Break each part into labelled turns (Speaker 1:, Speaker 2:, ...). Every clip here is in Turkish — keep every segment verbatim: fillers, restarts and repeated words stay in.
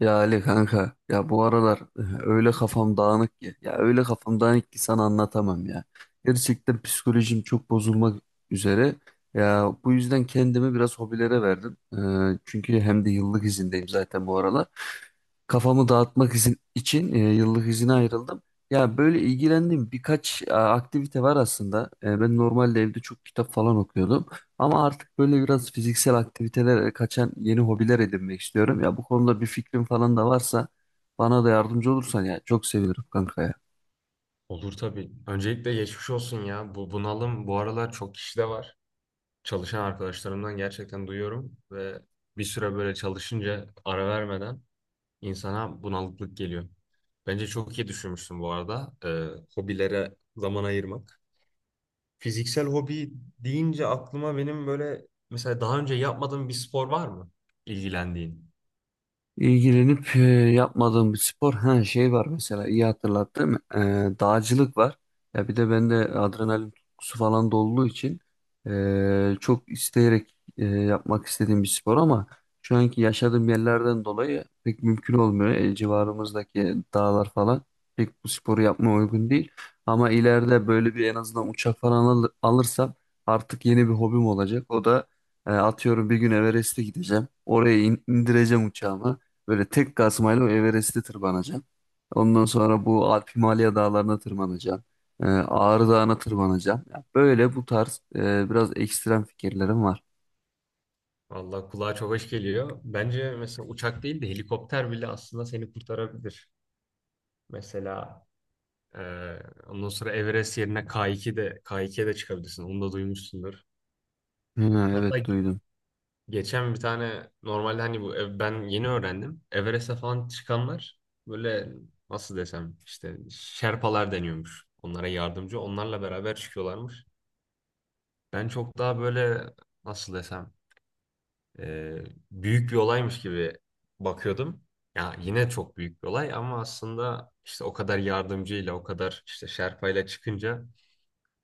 Speaker 1: Ya Ali kanka ya bu aralar öyle kafam dağınık ki ya öyle kafam dağınık ki sana anlatamam ya. Gerçekten psikolojim çok bozulmak üzere. Ya bu yüzden kendimi biraz hobilere verdim. Ee, çünkü hem de yıllık izindeyim zaten bu aralar. Kafamı dağıtmak izin, için e, yıllık izine ayrıldım. Ya böyle ilgilendiğim birkaç e, aktivite var aslında. E, ben normalde evde çok kitap falan okuyordum. Ama artık böyle biraz fiziksel aktivitelere kaçan yeni hobiler edinmek istiyorum. Ya bu konuda bir fikrin falan da varsa bana da yardımcı olursan ya çok sevinirim kanka ya.
Speaker 2: Olur tabii. Öncelikle geçmiş olsun ya. Bu bunalım bu aralar çok kişide var. Çalışan arkadaşlarımdan gerçekten duyuyorum ve bir süre böyle çalışınca ara vermeden insana bunalıklık geliyor. Bence çok iyi düşünmüşsün bu arada. Ee, hobilere zaman ayırmak. Fiziksel hobi deyince aklıma benim böyle mesela daha önce yapmadığım bir spor var mı? İlgilendiğin.
Speaker 1: İlgilenip e, yapmadığım bir spor ha, şey var mesela, iyi hatırlattım. E, dağcılık var ya, bir de bende adrenalin tutkusu falan da olduğu için e, çok isteyerek e, yapmak istediğim bir spor, ama şu anki yaşadığım yerlerden dolayı pek mümkün olmuyor. E, civarımızdaki dağlar falan pek bu sporu yapmaya uygun değil, ama ileride böyle bir en azından uçak falan al- alırsam artık yeni bir hobim olacak. O da e, atıyorum bir gün Everest'e gideceğim, oraya in- indireceğim uçağımı. Böyle tek kazmayla Everest'i tırmanacaksın. Ondan sonra bu Alp Himalaya dağlarına tırmanacaksın. Ee, Ağrı Dağı'na tırmanacaksın. Ya böyle bu tarz e, biraz ekstrem fikirlerim var.
Speaker 2: Vallahi kulağa çok hoş geliyor. Bence mesela uçak değil de helikopter bile aslında seni kurtarabilir. Mesela Ee, ondan sonra Everest yerine K iki de K ikiye de çıkabilirsin. Onu da duymuşsundur.
Speaker 1: Ha,
Speaker 2: Hatta
Speaker 1: evet, duydum.
Speaker 2: geçen bir tane normalde hani bu ev- ben yeni öğrendim. Everest'e falan çıkanlar böyle nasıl desem işte Şerpalar deniyormuş. Onlara yardımcı. Onlarla beraber çıkıyorlarmış. Ben çok daha böyle nasıl desem e, büyük bir olaymış gibi bakıyordum. Ya yine çok büyük bir olay ama aslında işte o kadar yardımcıyla o kadar işte Şerpayla çıkınca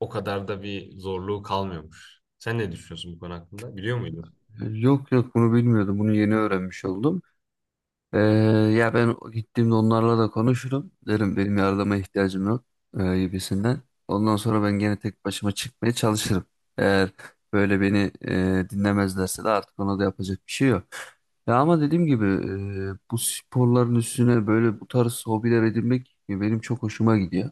Speaker 2: o kadar da bir zorluğu kalmıyormuş. Sen ne düşünüyorsun bu konu hakkında? Biliyor muydun?
Speaker 1: Yok, yok, bunu bilmiyordum. Bunu yeni öğrenmiş oldum. Ee, Ya ben gittiğimde onlarla da konuşurum. Derim benim yardıma ihtiyacım yok e, gibisinden. Ondan sonra ben gene tek başıma çıkmaya çalışırım. Eğer böyle beni e, dinlemezlerse de artık ona da yapacak bir şey yok. Ya ama dediğim gibi e, bu sporların üstüne böyle bu tarz hobiler edinmek benim çok hoşuma gidiyor.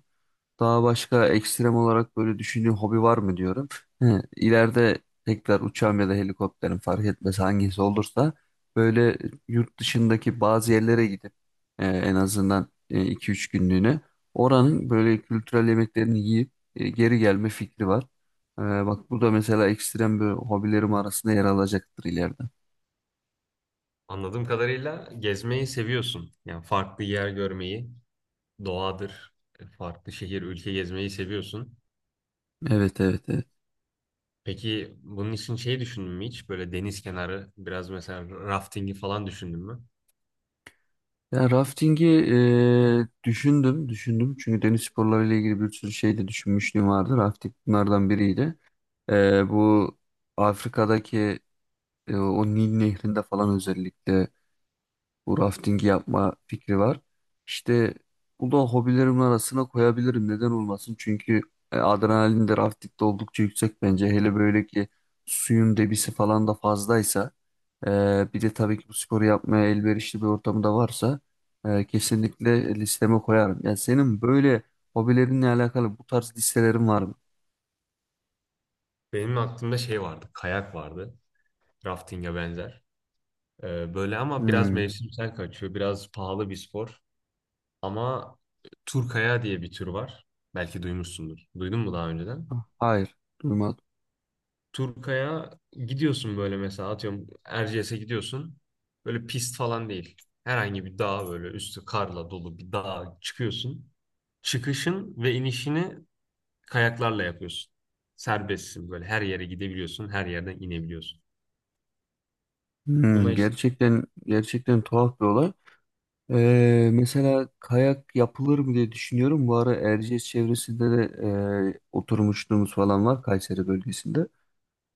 Speaker 1: Daha başka ekstrem olarak böyle düşündüğün hobi var mı diyorum. He, ileride tekrar uçağım ya da helikopterim fark etmez, hangisi olursa böyle yurt dışındaki bazı yerlere gidip e, en azından e, iki üç günlüğüne oranın böyle kültürel yemeklerini yiyip e, geri gelme fikri var. E, bak, bu da mesela ekstrem bir hobilerim arasında yer alacaktır ileride.
Speaker 2: Anladığım kadarıyla gezmeyi seviyorsun. Yani farklı yer görmeyi, doğadır, farklı şehir, ülke gezmeyi seviyorsun.
Speaker 1: Evet, evet. Evet.
Speaker 2: Peki bunun için şey düşündün mü hiç? Böyle deniz kenarı, biraz mesela raftingi falan düşündün mü?
Speaker 1: Ya raftingi eee, düşündüm, düşündüm. Çünkü deniz sporlarıyla ilgili bir sürü şey de düşünmüşlüğüm vardı. Rafting bunlardan biriydi. Eee, bu Afrika'daki e, o Nil Nehri'nde falan özellikle bu raftingi yapma fikri var. İşte bu da hobilerimin arasına koyabilirim. Neden olmasın? Çünkü e, adrenalin de raftingde oldukça yüksek bence. Hele böyle ki suyun debisi falan da fazlaysa. Ee, bir de tabii ki bu sporu yapmaya elverişli bir ortamı da varsa e, kesinlikle listeme koyarım. Ya senin böyle hobilerinle alakalı bu tarz listelerin var mı?
Speaker 2: Benim aklımda şey vardı, kayak vardı. Raftinge benzer. Ee, böyle ama biraz
Speaker 1: Hmm.
Speaker 2: mevsimsel kaçıyor, biraz pahalı bir spor. Ama Turkaya diye bir tür var. Belki duymuşsundur. Duydun mu daha önceden?
Speaker 1: Ah, hayır, duymadım.
Speaker 2: Turkaya gidiyorsun böyle mesela atıyorum Erciyes'e gidiyorsun. Böyle pist falan değil. Herhangi bir dağ böyle üstü karla dolu bir dağa çıkıyorsun. Çıkışın ve inişini kayaklarla yapıyorsun. Serbestsin böyle her yere gidebiliyorsun, her yerden inebiliyorsun. Buna
Speaker 1: Hmm,
Speaker 2: işte.
Speaker 1: gerçekten, gerçekten tuhaf bir olay. Ee, mesela kayak yapılır mı diye düşünüyorum. Bu ara Erciyes çevresinde de e, oturmuşluğumuz falan var Kayseri bölgesinde.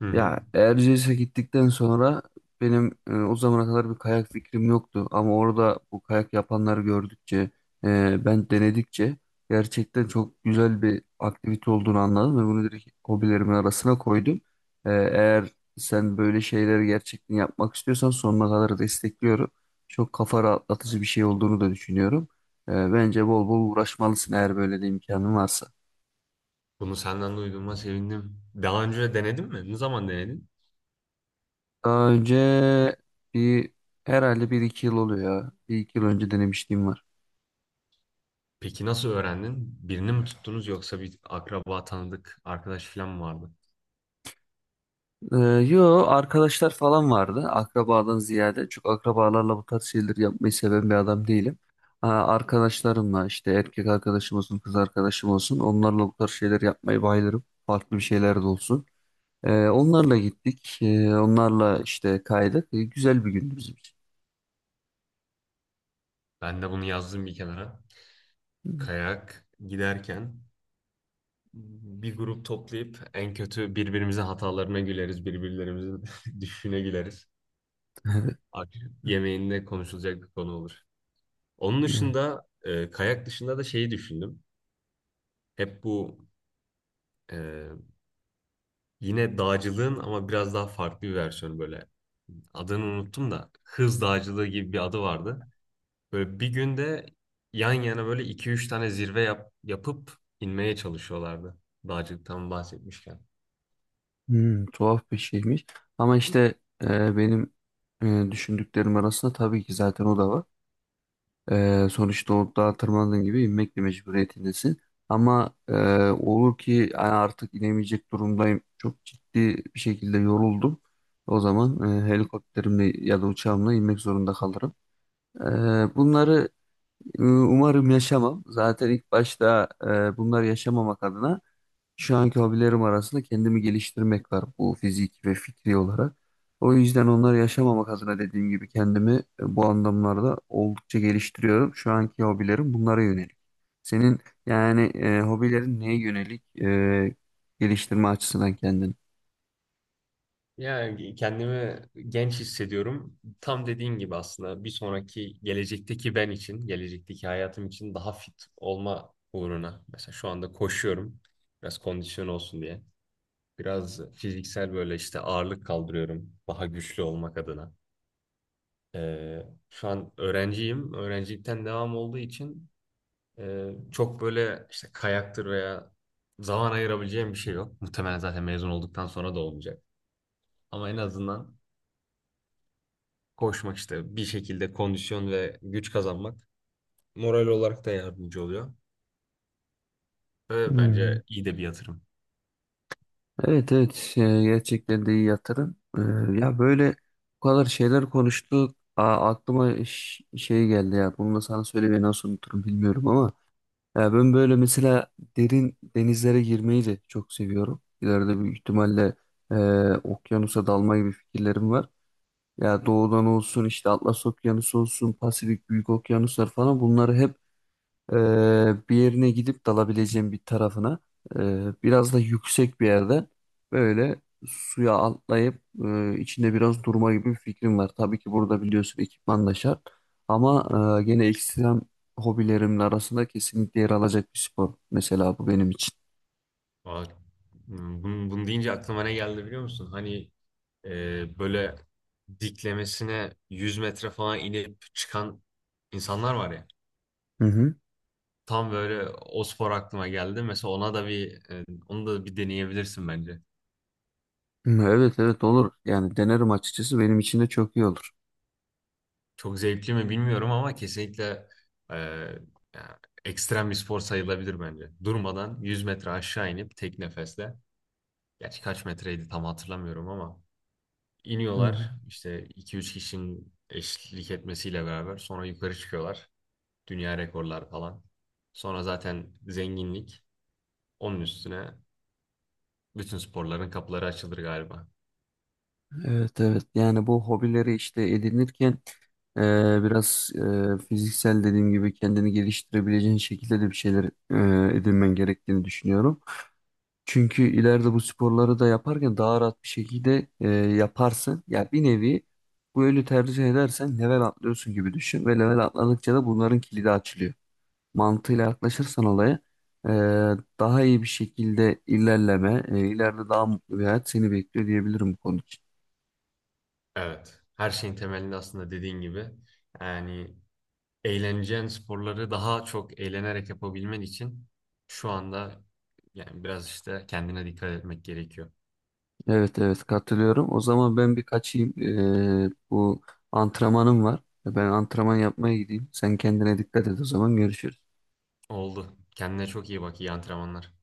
Speaker 2: Hı hı.
Speaker 1: Ya Erciyes'e gittikten sonra benim e, o zamana kadar bir kayak fikrim yoktu. Ama orada bu kayak yapanları gördükçe, e, ben denedikçe gerçekten çok güzel bir aktivite olduğunu anladım ve bunu direkt hobilerimin arasına koydum. E, eğer sen böyle şeyleri gerçekten yapmak istiyorsan sonuna kadar destekliyorum. Çok kafa rahatlatıcı bir şey olduğunu da düşünüyorum. E, bence bol bol uğraşmalısın, eğer böyle bir imkanın varsa.
Speaker 2: Bunu senden duyduğuma sevindim. Daha önce denedin mi? Ne zaman denedin?
Speaker 1: Daha önce bir, herhalde bir iki yıl oluyor ya. Bir iki yıl önce denemişliğim var.
Speaker 2: Peki nasıl öğrendin? Birini mi tuttunuz yoksa bir akraba, tanıdık, arkadaş falan mı vardı?
Speaker 1: Ee, Yo, arkadaşlar falan vardı. Akrabadan ziyade, çok akrabalarla bu tarz şeyleri yapmayı seven bir adam değilim. Ha, arkadaşlarımla, işte erkek arkadaşım olsun, kız arkadaşım olsun, onlarla bu tarz şeyler yapmayı bayılırım. Farklı bir şeyler de olsun. Ee, onlarla gittik. Ee, onlarla işte kaydık. Ee, güzel bir gündü bizim için.
Speaker 2: Ben de bunu yazdım bir kenara. Kayak giderken bir grup toplayıp en kötü birbirimize hatalarına güleriz, birbirlerimizin düşüşüne güleriz. Akşam yemeğinde konuşulacak bir konu olur. Onun
Speaker 1: Evet.
Speaker 2: dışında e, kayak dışında da şeyi düşündüm. Hep bu e, yine dağcılığın ama biraz daha farklı bir versiyonu böyle. Adını unuttum da hız dağcılığı gibi bir adı vardı. Böyle bir günde yan yana böyle iki üç tane zirve yap, yapıp inmeye çalışıyorlardı. Dağcılıktan bahsetmişken.
Speaker 1: Hmm, tuhaf bir şeymiş. Ama işte e, benim e, düşündüklerim arasında tabii ki zaten o da var. E, sonuçta o dağa tırmandığın gibi inmek de mecburiyetindesin. Ama e, olur ki yani artık inemeyecek durumdayım. Çok ciddi bir şekilde yoruldum. O zaman e, helikopterimle ya da uçağımla inmek zorunda kalırım. E, bunları e, umarım yaşamam. Zaten ilk başta e, bunları yaşamamak adına şu anki hobilerim arasında kendimi geliştirmek var, bu fiziki ve fikri olarak. O yüzden onları yaşamamak adına dediğim gibi kendimi e, bu anlamlarda oldukça geliştiriyorum. Şu anki hobilerim bunlara yönelik. Senin yani e, hobilerin neye yönelik e, geliştirme açısından kendini?
Speaker 2: Ya kendimi genç hissediyorum. Tam dediğin gibi aslında bir sonraki gelecekteki ben için, gelecekteki hayatım için daha fit olma uğruna. Mesela şu anda koşuyorum. Biraz kondisyon olsun diye. Biraz fiziksel böyle işte ağırlık kaldırıyorum. Daha güçlü olmak adına. Ee, Şu an öğrenciyim. Öğrencilikten devam olduğu için e, çok böyle işte kayaktır veya zaman ayırabileceğim bir şey yok. Muhtemelen zaten mezun olduktan sonra da olmayacak. Ama en azından koşmak işte bir şekilde kondisyon ve güç kazanmak moral olarak da yardımcı oluyor. Ve
Speaker 1: Hmm.
Speaker 2: bence iyi de bir yatırım.
Speaker 1: Evet, evet, e, gerçekten de iyi yatırım. E, ya böyle bu kadar şeyler konuştuk. Aa, aklıma ş- şey geldi ya. Bunu da sana söylemeyi nasıl unuturum bilmiyorum, ama. Ya ben böyle mesela derin denizlere girmeyi de çok seviyorum. İleride büyük ihtimalle e, okyanusa dalma gibi fikirlerim var. Ya doğudan olsun, işte Atlas Okyanusu olsun, Pasifik Büyük Okyanuslar falan, bunları hep ee, bir yerine gidip dalabileceğim bir tarafına e, biraz da yüksek bir yerde böyle suya atlayıp e, içinde biraz durma gibi bir fikrim var. Tabii ki burada biliyorsun, ekipman da şart, ama e, gene ekstrem hobilerimin arasında kesinlikle yer alacak bir spor. Mesela bu benim için.
Speaker 2: Aa, hmm, bunu, bunu deyince aklıma ne geldi biliyor musun? Hani e, böyle diklemesine yüz metre falan inip çıkan insanlar var ya.
Speaker 1: Hı hı.
Speaker 2: Tam böyle o spor aklıma geldi. Mesela ona da bir e, onu da bir deneyebilirsin bence.
Speaker 1: Evet, evet, olur. Yani denerim açıkçası, benim için de çok iyi olur.
Speaker 2: Çok zevkli mi bilmiyorum ama kesinlikle e, ya, ekstrem bir spor sayılabilir bence. Durmadan yüz metre aşağı inip tek nefesle, gerçi kaç metreydi tam hatırlamıyorum ama
Speaker 1: Hı
Speaker 2: iniyorlar
Speaker 1: hı.
Speaker 2: işte iki üç kişinin eşlik etmesiyle beraber sonra yukarı çıkıyorlar. Dünya rekorlar falan. Sonra zaten zenginlik. Onun üstüne bütün sporların kapıları açılır galiba.
Speaker 1: Evet, evet, yani bu hobileri işte edinirken e, biraz e, fiziksel dediğim gibi kendini geliştirebileceğin şekilde de bir şeyler e, edinmen gerektiğini düşünüyorum. Çünkü ileride bu sporları da yaparken daha rahat bir şekilde e, yaparsın. Ya bir nevi, bu yönü tercih edersen level atlıyorsun gibi düşün, ve level atladıkça da bunların kilidi açılıyor. Mantığıyla yaklaşırsan olaya, e, daha iyi bir şekilde ilerleme, e, ileride daha mutlu bir hayat seni bekliyor diyebilirim bu konu için.
Speaker 2: Evet. Her şeyin temelinde aslında dediğin gibi yani eğleneceğin sporları daha çok eğlenerek yapabilmen için şu anda yani biraz işte kendine dikkat etmek gerekiyor.
Speaker 1: Evet, evet, katılıyorum. O zaman ben bir kaçayım. Ee, bu antrenmanım var. Ben antrenman yapmaya gideyim. Sen kendine dikkat et, o zaman görüşürüz.
Speaker 2: Oldu. Kendine çok iyi bak. İyi antrenmanlar.